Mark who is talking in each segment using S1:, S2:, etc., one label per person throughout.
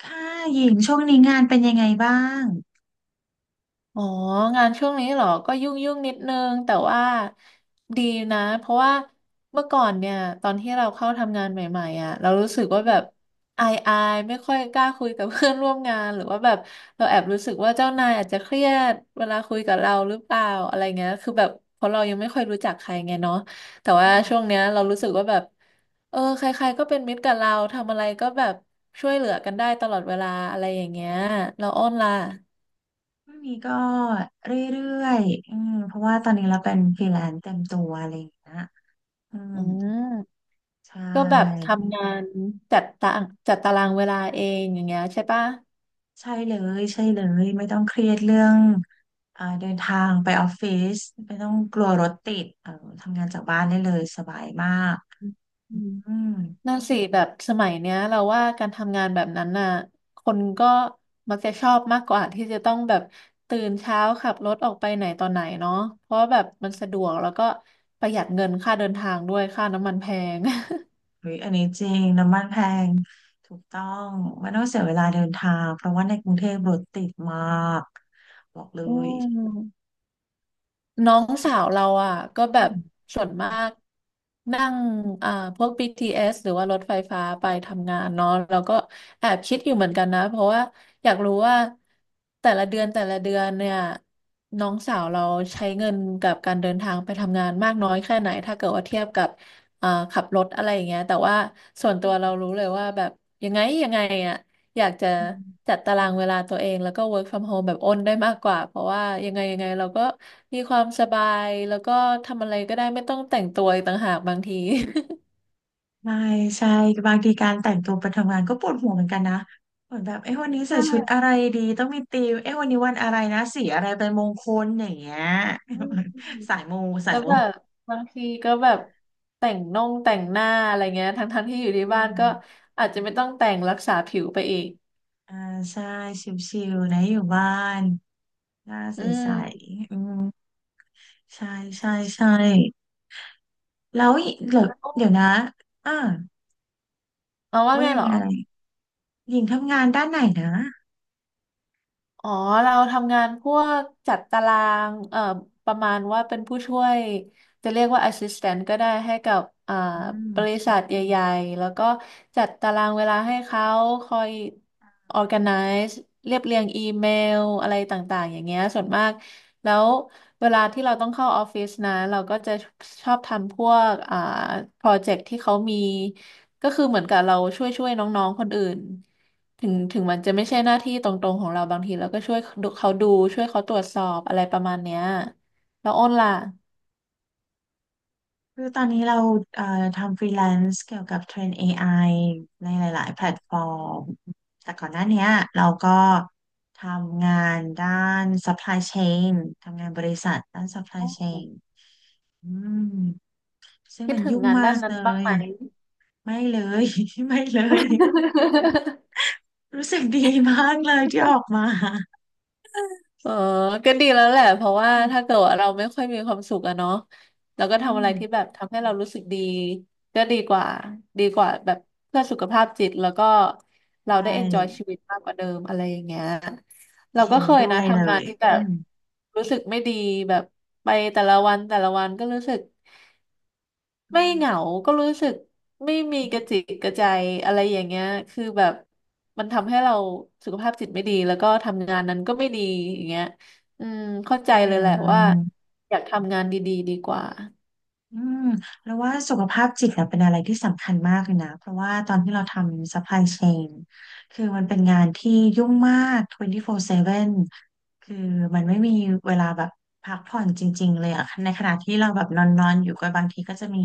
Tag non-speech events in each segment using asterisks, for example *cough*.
S1: ค่ะหญิงช่วงนี้งานเป็นยังไงบ้าง
S2: อ๋องานช่วงนี้เหรอก็ยุ่งนิดนึงแต่ว่าดีนะเพราะว่าเมื่อก่อนเนี่ยตอนที่เราเข้าทำงานใหม่ๆอ่ะเรารู้สึก
S1: อื
S2: ว่าแบบ
S1: ม
S2: อายไม่ค่อยกล้าคุยกับเพื่อนร่วมงานหรือว่าแบบเราแอบรู้สึกว่าเจ้านายอาจจะเครียดเวลาคุยกับเราหรือเปล่าอะไรเงี้ยคือแบบเพราะเรายังไม่ค่อยรู้จักใครไงเนาะแต่
S1: อื
S2: ว่าช่วง
S1: ม
S2: เนี้ยเรารู้สึกว่าแบบเออใครๆก็เป็นมิตรกับเราทำอะไรก็แบบช่วยเหลือกันได้ตลอดเวลาอะไรอย่างเงี้ยเราอ้อนล่ะ
S1: ช่วงนี้ก็เรื่อยๆอืมเพราะว่าตอนนี้เราเป็นฟรีแลนซ์เต็มตัวอะไรอย่างเงี้ยอืม
S2: อืม
S1: ใช
S2: ก็แบบ
S1: ่
S2: ทำงานจัดตาจัดตารางเวลาเองอย่างเงี้ยใช่ปะ
S1: ใช่เลยใช่เลยไม่ต้องเครียดเรื่องเดินทางไปออฟฟิศไม่ต้องกลัวรถติดเออทำงานจากบ้านได้เลยสบายมาก
S2: อืม
S1: อืม
S2: นั่นสิแบบสมัยเนี้ยเราว่าการทำงานแบบนั้นน่ะคนก็มักจะชอบมากกว่าที่จะต้องแบบตื่นเช้าขับรถออกไปไหนต่อไหนเนาะเพราะว่าแบบมันสะดวกแล้วก็ประหยัดเงินค่าเดินทางด้วยค่าน้ำมันแพง *laughs*
S1: เฮ้ยอันนี้จริงน้ำมันแพงถูกต้องไม่ต้องเสียเวลาเดินทางเพราะว่าในกรุงเทพรถติดมากบอกเล
S2: อื
S1: ย
S2: ม น้องสาว
S1: อื
S2: เราอ่ะก็แบบ
S1: ม
S2: ส่วนมากนั่งอ่าพวก BTS หรือว่ารถไฟฟ้าไปทำงานเนาะแล้วก็แอบคิดอยู่เหมือนกันนะเพราะว่าอยากรู้ว่าแต่ละเดือนเนี่ยน้องสาวเราใช้เงินกับการเดินทางไปทำงานมากน้อยแค่ไหนถ้าเกิดว่าเทียบกับขับรถอะไรอย่างเงี้ยแต่ว่าส่วนตัวเรารู้เลยว่าแบบยังไงอ่ะ อยากจะ
S1: อื
S2: จั
S1: ม
S2: ดตารางเวลาตัวเองแล้วก็ work from home แบบอ้นได้มากกว่าเพราะว่ายังไงเราก็มีความสบายแล้วก็ทำอะไรก็ได้ไม่ต้องแต่งตัวอีกต่างหากบางที
S1: ใช่ใช่บางทีการแต่งตัวไปทำงานก็ปวดหัวเหมือนกันนะเหมือนแบบเอ้วันนี้
S2: ใช
S1: ใส่ชุดอะ
S2: ่
S1: ไรดีต้องมีธีมเอ้วันนี้วันอะไรนะสีอะไรเป็นมงคลอย่างเงี้ย
S2: อืม
S1: *laughs* สายมูสา
S2: แล้
S1: ย
S2: ว
S1: มู
S2: แบบบางทีก็แบบแต่งหน้าอะไรเงี้ยทั้งที่อยู่ที่
S1: อื
S2: บ้าน
S1: ม
S2: ก็อาจจะไม่ต้องแต่งรักษาผิวไปอีก
S1: อ่าใช่ชิวๆนะอยู่บ้านหน้าใ
S2: อื
S1: ส
S2: ม
S1: ๆอืมใช่ใช่ใช่แล้วอีเดี๋ยว
S2: แล้ว
S1: เดี๋ยวนะอ่า
S2: เอาว่า
S1: ว่า
S2: ไง
S1: ยั
S2: เห
S1: ง
S2: รอ
S1: ไงหญิงทำงานด้านไหนนะ
S2: อ๋อเราทำงานพวกจัดตารางประมาณว่าเป็นผู้ช่วยจะเรียกว่า assistant ก็ได้ให้กับอ่า
S1: อื
S2: บริ
S1: ม
S2: ษัทใหญ่ๆแล้วก็จัดตารางเวลาให้เขาคอย organize เรียบเรียงอีเมลอะไรต่างๆอย่างเงี้ยส่วนมากแล้วเวลาที่เราต้องเข้าออฟฟิศนะเราก็จะชอบทำพวกโปรเจกต์ที่เขามีก็คือเหมือนกับเราช่วยๆน้องๆคนอื่น ถึงมันจะไม่ใช่หน้าที่ตรงๆของเราบางทีเราก็ช่วยดูเขาดูช่วยเขาตรวจสอบอะไรประมาณเนี้ยแล้วอ้นล่ะ
S1: คือตอนนี้เราเอ่อทำฟรีแลนซ์เกี่ยวกับเทรน AI ในหลาย ๆ แพ
S2: อื
S1: ลตฟ
S2: ม
S1: อร์ม แต่ก่อนหน้าเนี้ยเราก็ทำงานด้าน supply chain ทำงานบริษัทด้าน supply chain อืมซึ่ง
S2: คิด
S1: มัน
S2: ถึง
S1: ยุ่ง
S2: งาน
S1: มา
S2: ด้าน
S1: ก
S2: นั้
S1: เล
S2: นบ้าง
S1: ย
S2: ไหม
S1: ไม่เลย *laughs* ไม่เลย รู้สึกดีมาก
S2: *laughs*
S1: เลยที่ออกมา *laughs*
S2: เออก็ดีแล้วแหละ
S1: อา
S2: เพราะว่าถ้าเกิดว่าเราไม่ค่อยมีความสุขอะเนาะแล้วก็
S1: อื
S2: ทำอะ
S1: ม
S2: ไรที่แบบทำให้เรารู้สึกดี ก็ดีกว่าดีกว่าแบบเพื่อสุขภาพจิต แล้วก็
S1: ใช
S2: เราได้ enjoy
S1: ่
S2: ชีวิตมากกว่าเดิมอะไรอย่างเงี้ยเราก็
S1: เห็น
S2: เคย
S1: ด้ว
S2: นะ
S1: ยเล
S2: ทำงาน
S1: ย
S2: ที่แบ
S1: อื
S2: บ
S1: ม
S2: รู้สึกไม่ดีแบบไปแต่ละวันก็รู้สึก
S1: อื
S2: ไม่เหงา ก็รู้สึกไม่มีกระจิ
S1: ม
S2: กกระใจอะไรอย่างเงี้ย คือแบบมันทำให้เราสุขภาพจิตไม่ดี แล้วก็ทำงานนั้นก็ไม่ดีอย่างเงี้ยอืมเข้าใจ
S1: ใช่
S2: เลย
S1: เล
S2: แหละ
S1: ย
S2: ว่าอยากทำงานดีๆดีกว่า
S1: อืมแล้วว่าสุขภาพจิตเนี่ยเป็นอะไรที่สำคัญมากเลยนะเพราะว่าตอนที่เราทำ supply chain คือมันเป็นงานที่ยุ่งมาก24/7คือมันไม่มีเวลาแบบพักผ่อนจริงๆเลยอะในขณะที่เราแบบนอนๆอยู่ก็บางทีก็จะมี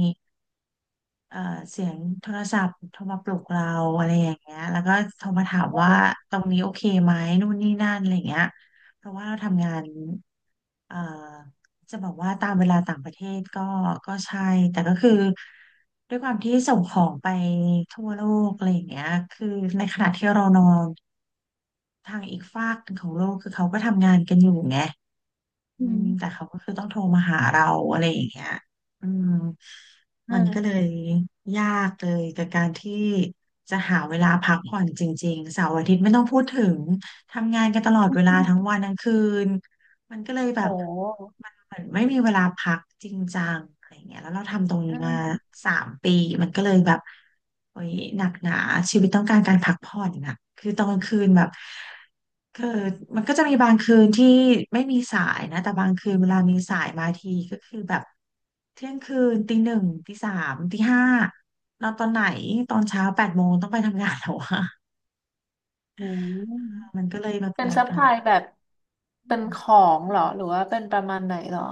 S1: เอ่อเสียงโทรศัพท์โทรมาปลุกเราอะไรอย่างเงี้ยแล้วก็โทรมาถาม
S2: โอ
S1: ว่า
S2: ้
S1: ตรงนี้โอเคไหมนู่นนี่นั่นอะไรอย่างเงี้ยเพราะว่าเราทำงานเอ่อจะบอกว่าตามเวลาต่างประเทศก็ก็ใช่แต่ก็คือด้วยความที่ส่งของไปทั่วโลกอะไรอย่างเงี้ยคือในขณะที่เรานอนทางอีกฟากหนึ่งของโลกคือเขาก็ทำงานกันอยู่ไง อื
S2: อื
S1: ม
S2: ม
S1: แต่เขาก็คือต้องโทรมาหาเราอะไรอย่างเงี้ยอืม
S2: อื
S1: มันก็เล
S2: ม
S1: ยยากเลยกับการที่จะหาเวลาพักผ่อนจริงๆเสาร์อาทิตย์ไม่ต้องพูดถึงทำงานกันตลอดเวลาทั้งวันทั้งคืนมันก็เลยแบ
S2: โอ
S1: บ
S2: ้
S1: มันเหมือนไม่มีเวลาพักจริงจังอะไรเงี้ยแล้วเราทำตรงนี้
S2: อื
S1: มา
S2: ม
S1: 3 ปีมันก็เลยแบบโอ้ยหนักหนาชีวิตต้องการการพักผ่อนน่ะคือตอนกลางคืนแบบ คือมันก็จะมีบางคืนที่ไม่มีสายนะแต่บางคืนเวลามีสายมาทีก็คือแบบเที่ยงคืนตีหนึ่งตีสามตีห้านอนตอนไหนตอนเช้า8 โมงต้องไปทำงานแล้วอะ
S2: อืม
S1: มันก็เลยแบบ
S2: เป็น
S1: หนัก
S2: ซัพพ
S1: หนา
S2: ลายแบบ
S1: อื
S2: เป็น
S1: ม
S2: ของเหรอ หรือว่าเป็นประมาณไหนเหรอ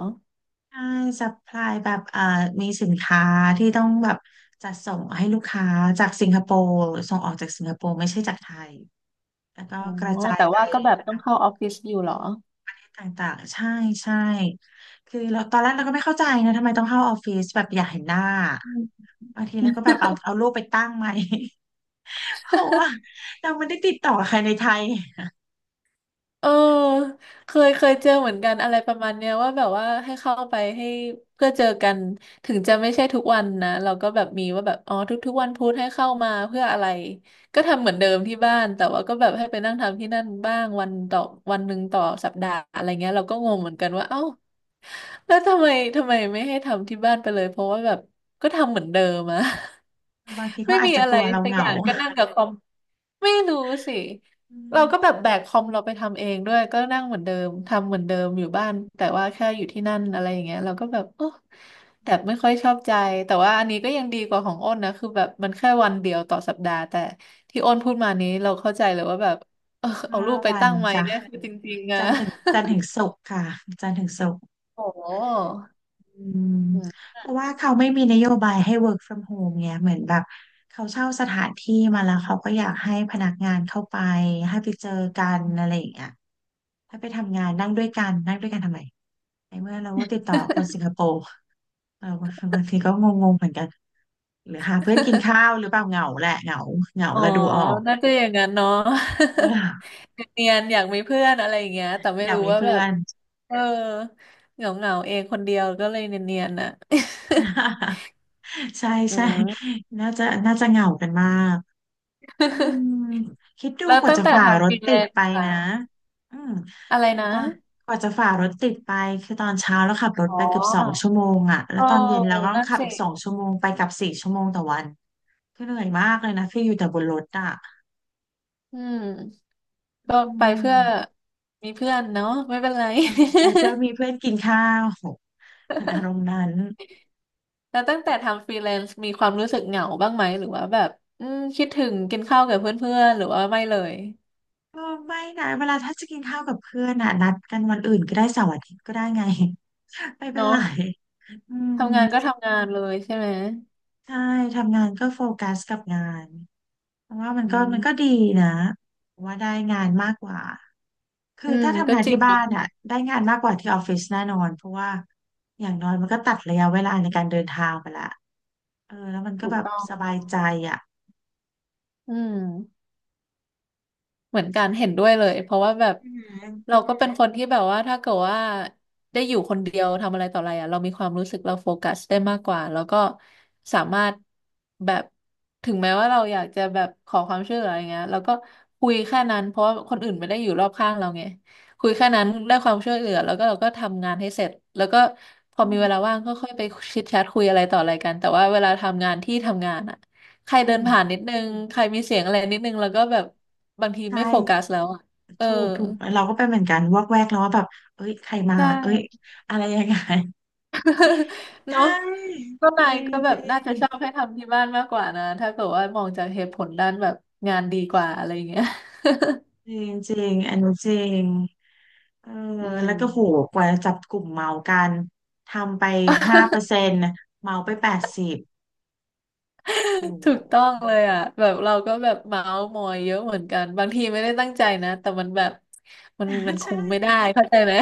S1: ใช่ซัพพลายแบบมีสินค้าที่ต้องแบบจัดส่งให้ลูกค้าจากสิงคโปร์ส่งออกจากสิงคโปร์ไม่ใช่จากไทยแล้วก็
S2: อ๋อ
S1: กระจาย
S2: แต่
S1: ไป
S2: ว่าก็แบบต้องเข้าออฟฟิศอยู่เหรอ
S1: ต่างๆ ใช่ใช่คือเราตอนแรกเราก็ไม่เข้าใจนะทำไมต้องเข้าออฟฟิศแบบอยากเห็นหน้า บางทีเราก็แบบเอาเอารูปไปตั้งไหม *laughs* เพราะว่าเราไม่ได้ติดต่อใครในไทย
S2: เออเคยเจอเหมือนกันอะไรประมาณเนี้ยว่าแบบว่าให้เข้าไปให้เพื่อเจอกันถึงจะไม่ใช่ทุกวันนะเราก็แบบมีว่าแบบอ๋อทุกๆวันพุธให้เข้ามาเพื่ออะไรก็ทำเหมือนเดิมที่บ้านแต่ว่าก็แบบให้ไปนั่งทำที่นั่นบ้างวันต่อวันหนึ่งต่อสัปดาห์อะไรเงี้ยเราก็งงเหมือนกันว่าเอ้าแล้วทำไมไม่ให้ทำที่บ้านไปเลยเพราะว่าแบบก็ทำเหมือนเดิมอะ
S1: บางที
S2: ไม่
S1: เขาอาจ
S2: มี
S1: จะ
S2: อะ
S1: ก
S2: ไร
S1: ลัวเรา
S2: สั
S1: เห
S2: กอ
S1: งา
S2: ย่างก็นั่งกับคอมไม่รู้สิ
S1: อื
S2: เรา
S1: ม
S2: ก็แบบแบกคอมเราไปทำเองด้วยก็นั่งเหมือนเดิมทำเหมือนเดิมอยู่บ้านแต่ว่าแค่อยู่ที่นั่นอะไรอย่างเงี้ยเราก็แบบโอ้แต่ไม่ค่อยชอบใจแต่ว่าอันนี้ก็ยังดีกว่าของอ้นนะคือแบบมันแค่วันเดียวต่อสัปดาห์แต่ที่อ้นพูดมานี้เราเข้าใจเลยว่าแบบเออเอา
S1: ห้า
S2: รูปไป
S1: วัน
S2: ตั้งไว้
S1: จ้ะ
S2: เนี่ยคือจริงๆอะ
S1: จันทร์ถึง
S2: *laughs*
S1: ศุกร์ค่ะจันทร์ถึงศุกร์
S2: โอ้
S1: อืมเพราะว่าเขาไม่มีนโยบายให้ work from home ไงเหมือนแบบเขาเช่าสถานที่มาแล้วเขาก็อยากให้พนักงานเข้าไปให้ไปเจอกันอะไรอย่างเงี้ย ถ้าไปทำงานนั่งด้วยกันนั่งด้วยกันทำไมในเมื่อเราก็ติดต่อคนสิงคโปร์เราบางทีก็งงๆเหมือนกันหรือหาเพื่อนกินข้าวหรือเปล่าเหงาแหละเหงาเหงา
S2: อ๋อ
S1: เราดูออก
S2: น่าจะอย่างนั้นเนาะ
S1: *laughs* เออ
S2: *laughs* เนียนๆอยากมีเพื่อนอะไรอย่างเงี้ยแต่ไม่
S1: อยาก
S2: รู้
S1: มี
S2: ว่า
S1: เพื่
S2: แบ
S1: อ
S2: บ
S1: น
S2: เออเหงาๆเองคนเดียวก็เลยเนียนๆน่ะ
S1: *laughs* ใช่
S2: *laughs* อื
S1: ใช่
S2: ม
S1: น่าจะเหงากันมากอืมคิด
S2: *laughs*
S1: ดู
S2: แล้ว
S1: กว่า
S2: ตั้ง
S1: จะ
S2: แต่
S1: ฝ่าร
S2: ทำฟ
S1: ถ
S2: รีแล
S1: ติด
S2: น
S1: ไป
S2: ซ์อะ
S1: นะอืม
S2: อะไรนะ
S1: ตอนกว่าจะฝ่ารถติดไปคือตอนเช้าแล้วขับรถ
S2: อ๋อ
S1: ไปเกือบสองชั่วโมงอ่ะแล้ว
S2: โอ้
S1: ตอนเย็นเราก็ต้อง
S2: นั่น
S1: ขับ
S2: สิ
S1: อีกสองชั่วโมงไปกลับ4 ชั่วโมงต่อวัน คือเหนื่อยมากเลยนะคืออยู่แต่บนรถอ่ะ
S2: อืม
S1: อื
S2: ก็ไปเพื่อ
S1: ม
S2: มีเพื่อนเนาะไม่เป็นไร
S1: ไปเพื่อมีเพื่
S2: *laughs*
S1: อนกินข้าวโหเป็นอารมณ์นั้น
S2: แล้วตั้งแต่ทำฟรีแลนซ์มีความรู้สึกเหงาบ้างไหมหรือว่าแบบอืมคิดถึงกินข้าวกับเพื่อนๆหรือว่าไม่เลย
S1: ก็ไม่นะเวลาถ้าจะกินข้าวกับเพื่อนอ่ะนัดกันวันอื่นก็ได้เสาร์อาทิตย์ก็ได้ไง *laughs* ไม่เป็น
S2: เนาะ
S1: ไรอืม
S2: ทำงานก็ทำงานเลยใช่ไหม
S1: ใช่ทำงานก็โฟกัสกับงานเพราะว่ามัน
S2: อื
S1: ก็มั
S2: ม
S1: นก็ดีนะว่าได้งานมากกว่า คือ
S2: อืม
S1: ถ้าทำ
S2: ก็
S1: งาน
S2: จริ
S1: ที่
S2: ง
S1: บ้า
S2: เนาะ
S1: นอ่ะได้งานมากกว่าที่ออฟฟิศแน่นอนเพราะว่าอย่างน้อยมันก็ตัดระยะเวลาในการเดินทางไปละเออแล้วมันก็
S2: ถูก
S1: แบบ
S2: ต้อง
S1: สบายใจอ่ะ
S2: อืม เหมือนกันเห็นด้วยเลยเพราะว่าแบบ
S1: อือหื
S2: เราก็เป็นคนที่แบบว่าถ้าเกิดว่าได้อยู่คนเดียวทำอะไรต่ออะไรอ่ะเรามีความรู้สึกเราโฟกัสได้มากกว่าแล้วก็สามารถแบบถึงแม้ว่าเราอยากจะแบบขอความช่วยเหลืออะไรเงี้ยเราก็คุยแค่นั้นเพราะว่าคนอื่นไม่ได้อยู่รอบข้างเราไงคุยแค่นั้นได้ความช่วยเหลือแล้วก็เราก็ทำงานให้เสร็จแล้วก็พอ
S1: อื
S2: มี
S1: ม
S2: เวลาว่างก็ค่อยไปชิดแชทคุยอะไรต่ออะไรกันแต่ว่าเวลาทำงานที่ทำงานอ่ะ ใคร
S1: อื
S2: เดิน
S1: ม
S2: ผ่านนิดนึง ใครมีเสียงอะไรนิดนึง แล้วก็แบบบางที
S1: ใช่
S2: ไม่โฟกัสแล้วอ่ะเออ
S1: ถูกถูกเราก็เป็นเหมือนกันวอกแวกแล้วว่าแบบเอ้ยใครมา
S2: ใช
S1: เอ้ย
S2: ่
S1: อะไรยังไง
S2: *laughs*
S1: *laughs* ใช
S2: เนาะ
S1: ่
S2: ก็
S1: จ
S2: นาย
S1: ริง
S2: ก็แบ
S1: จ
S2: บ
S1: ริ
S2: น่าจะชอ
S1: ง
S2: บให้ทำที่บ้านมากกว่านะถ้าเกิดว่ามองจากเหตุผลด้านแบบงานดีกว่าอะไรอย่างเงี้ย
S1: จริงจริงอันนี้จริงเออ
S2: อืม
S1: แล้วก็โหกว่าจะจับกลุ่มเมากันทำไป5%เมาไป80 โอ้
S2: *laughs*
S1: โห
S2: ถูกต้องเลยอ่ะแบบเราก็แบบเมาส์มอยเยอะเหมือนกัน บางทีไม่ได้ตั้งใจนะแต่มันแบบมัน
S1: *laughs*
S2: คุ
S1: ใช่
S2: มไม่ได้เข้าใจไหม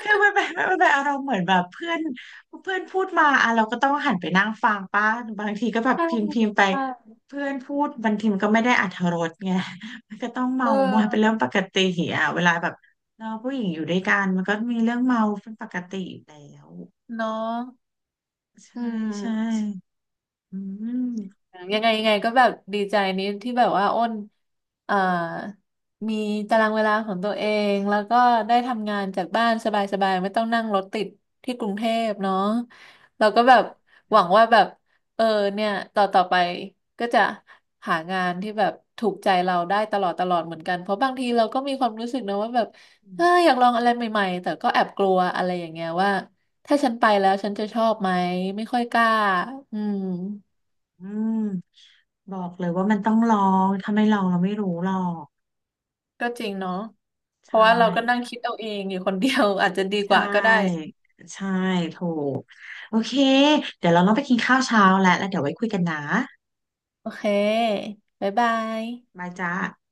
S1: คือมันเป็นอารมณ์เหมือนแบบเพื่อนเพื่อนพูดมาอ่ะเราก็ต้องหันไปนั่งฟังป้าบางทีก็แบบ
S2: ใช่
S1: พิมพ์พิมพ์ไป
S2: ใช่
S1: เพื่อนพูดบางทีมันก็ไม่ได้อรรถรสไง *laughs* มันก็ต้อง
S2: เ
S1: เมามอยเป็
S2: ออ
S1: นเรื่องปกติอ่ะเวลาแบบเราผู้หญิงอยู่ด้วยกันมันก็มีเรื่องเมาเป็นปกติอยู่แล้ว
S2: เนาะอื
S1: ใช่ใช่
S2: ม
S1: อืม
S2: ยังไงยังไงก็แบบดีใจนี้ที่แบบว่าอ้นเอ่อมีตารางเวลาของตัวเองแล้วก็ได้ทำงานจากบ้านสบายๆไม่ต้องนั่งรถติดที่กรุงเทพเนาะเราก็แบบ
S1: อื
S2: หวังว่าแบบเออเนี่ยต่อไปก็จะหางานที่แบบถูกใจเราได้ตลอดตลอดเหมือนกันเพราะบางทีเราก็มีความรู้สึกนะว่าแบบเออ
S1: ม
S2: อยากลองอะไรใหม่ๆแต่ก็แอบกลัวอะไรอย่างเงี้ยว่าถ้าฉันไปแล้วฉันจะชอบไหมไม่ค่อยกล้าอืม
S1: อบอกเลยว่ามันต้องลองถ้าไม่ลองเราไม่รู้หรอก
S2: ก็จริงเนาะเพ
S1: ใช่
S2: ราะว่าเราก็นั่งคิดเอาเองอยู่คนเดียว *laughs* อาจจะดี
S1: ใช
S2: กว่าก็ได้
S1: ่ใช่ถูกโอเคเดี๋ยวเราต้องไปกินข้าวเช้าแล้วแล้วเดี๋ยวไว้คุยกันนะ
S2: โอเคบ๊ายบาย
S1: บายจ้า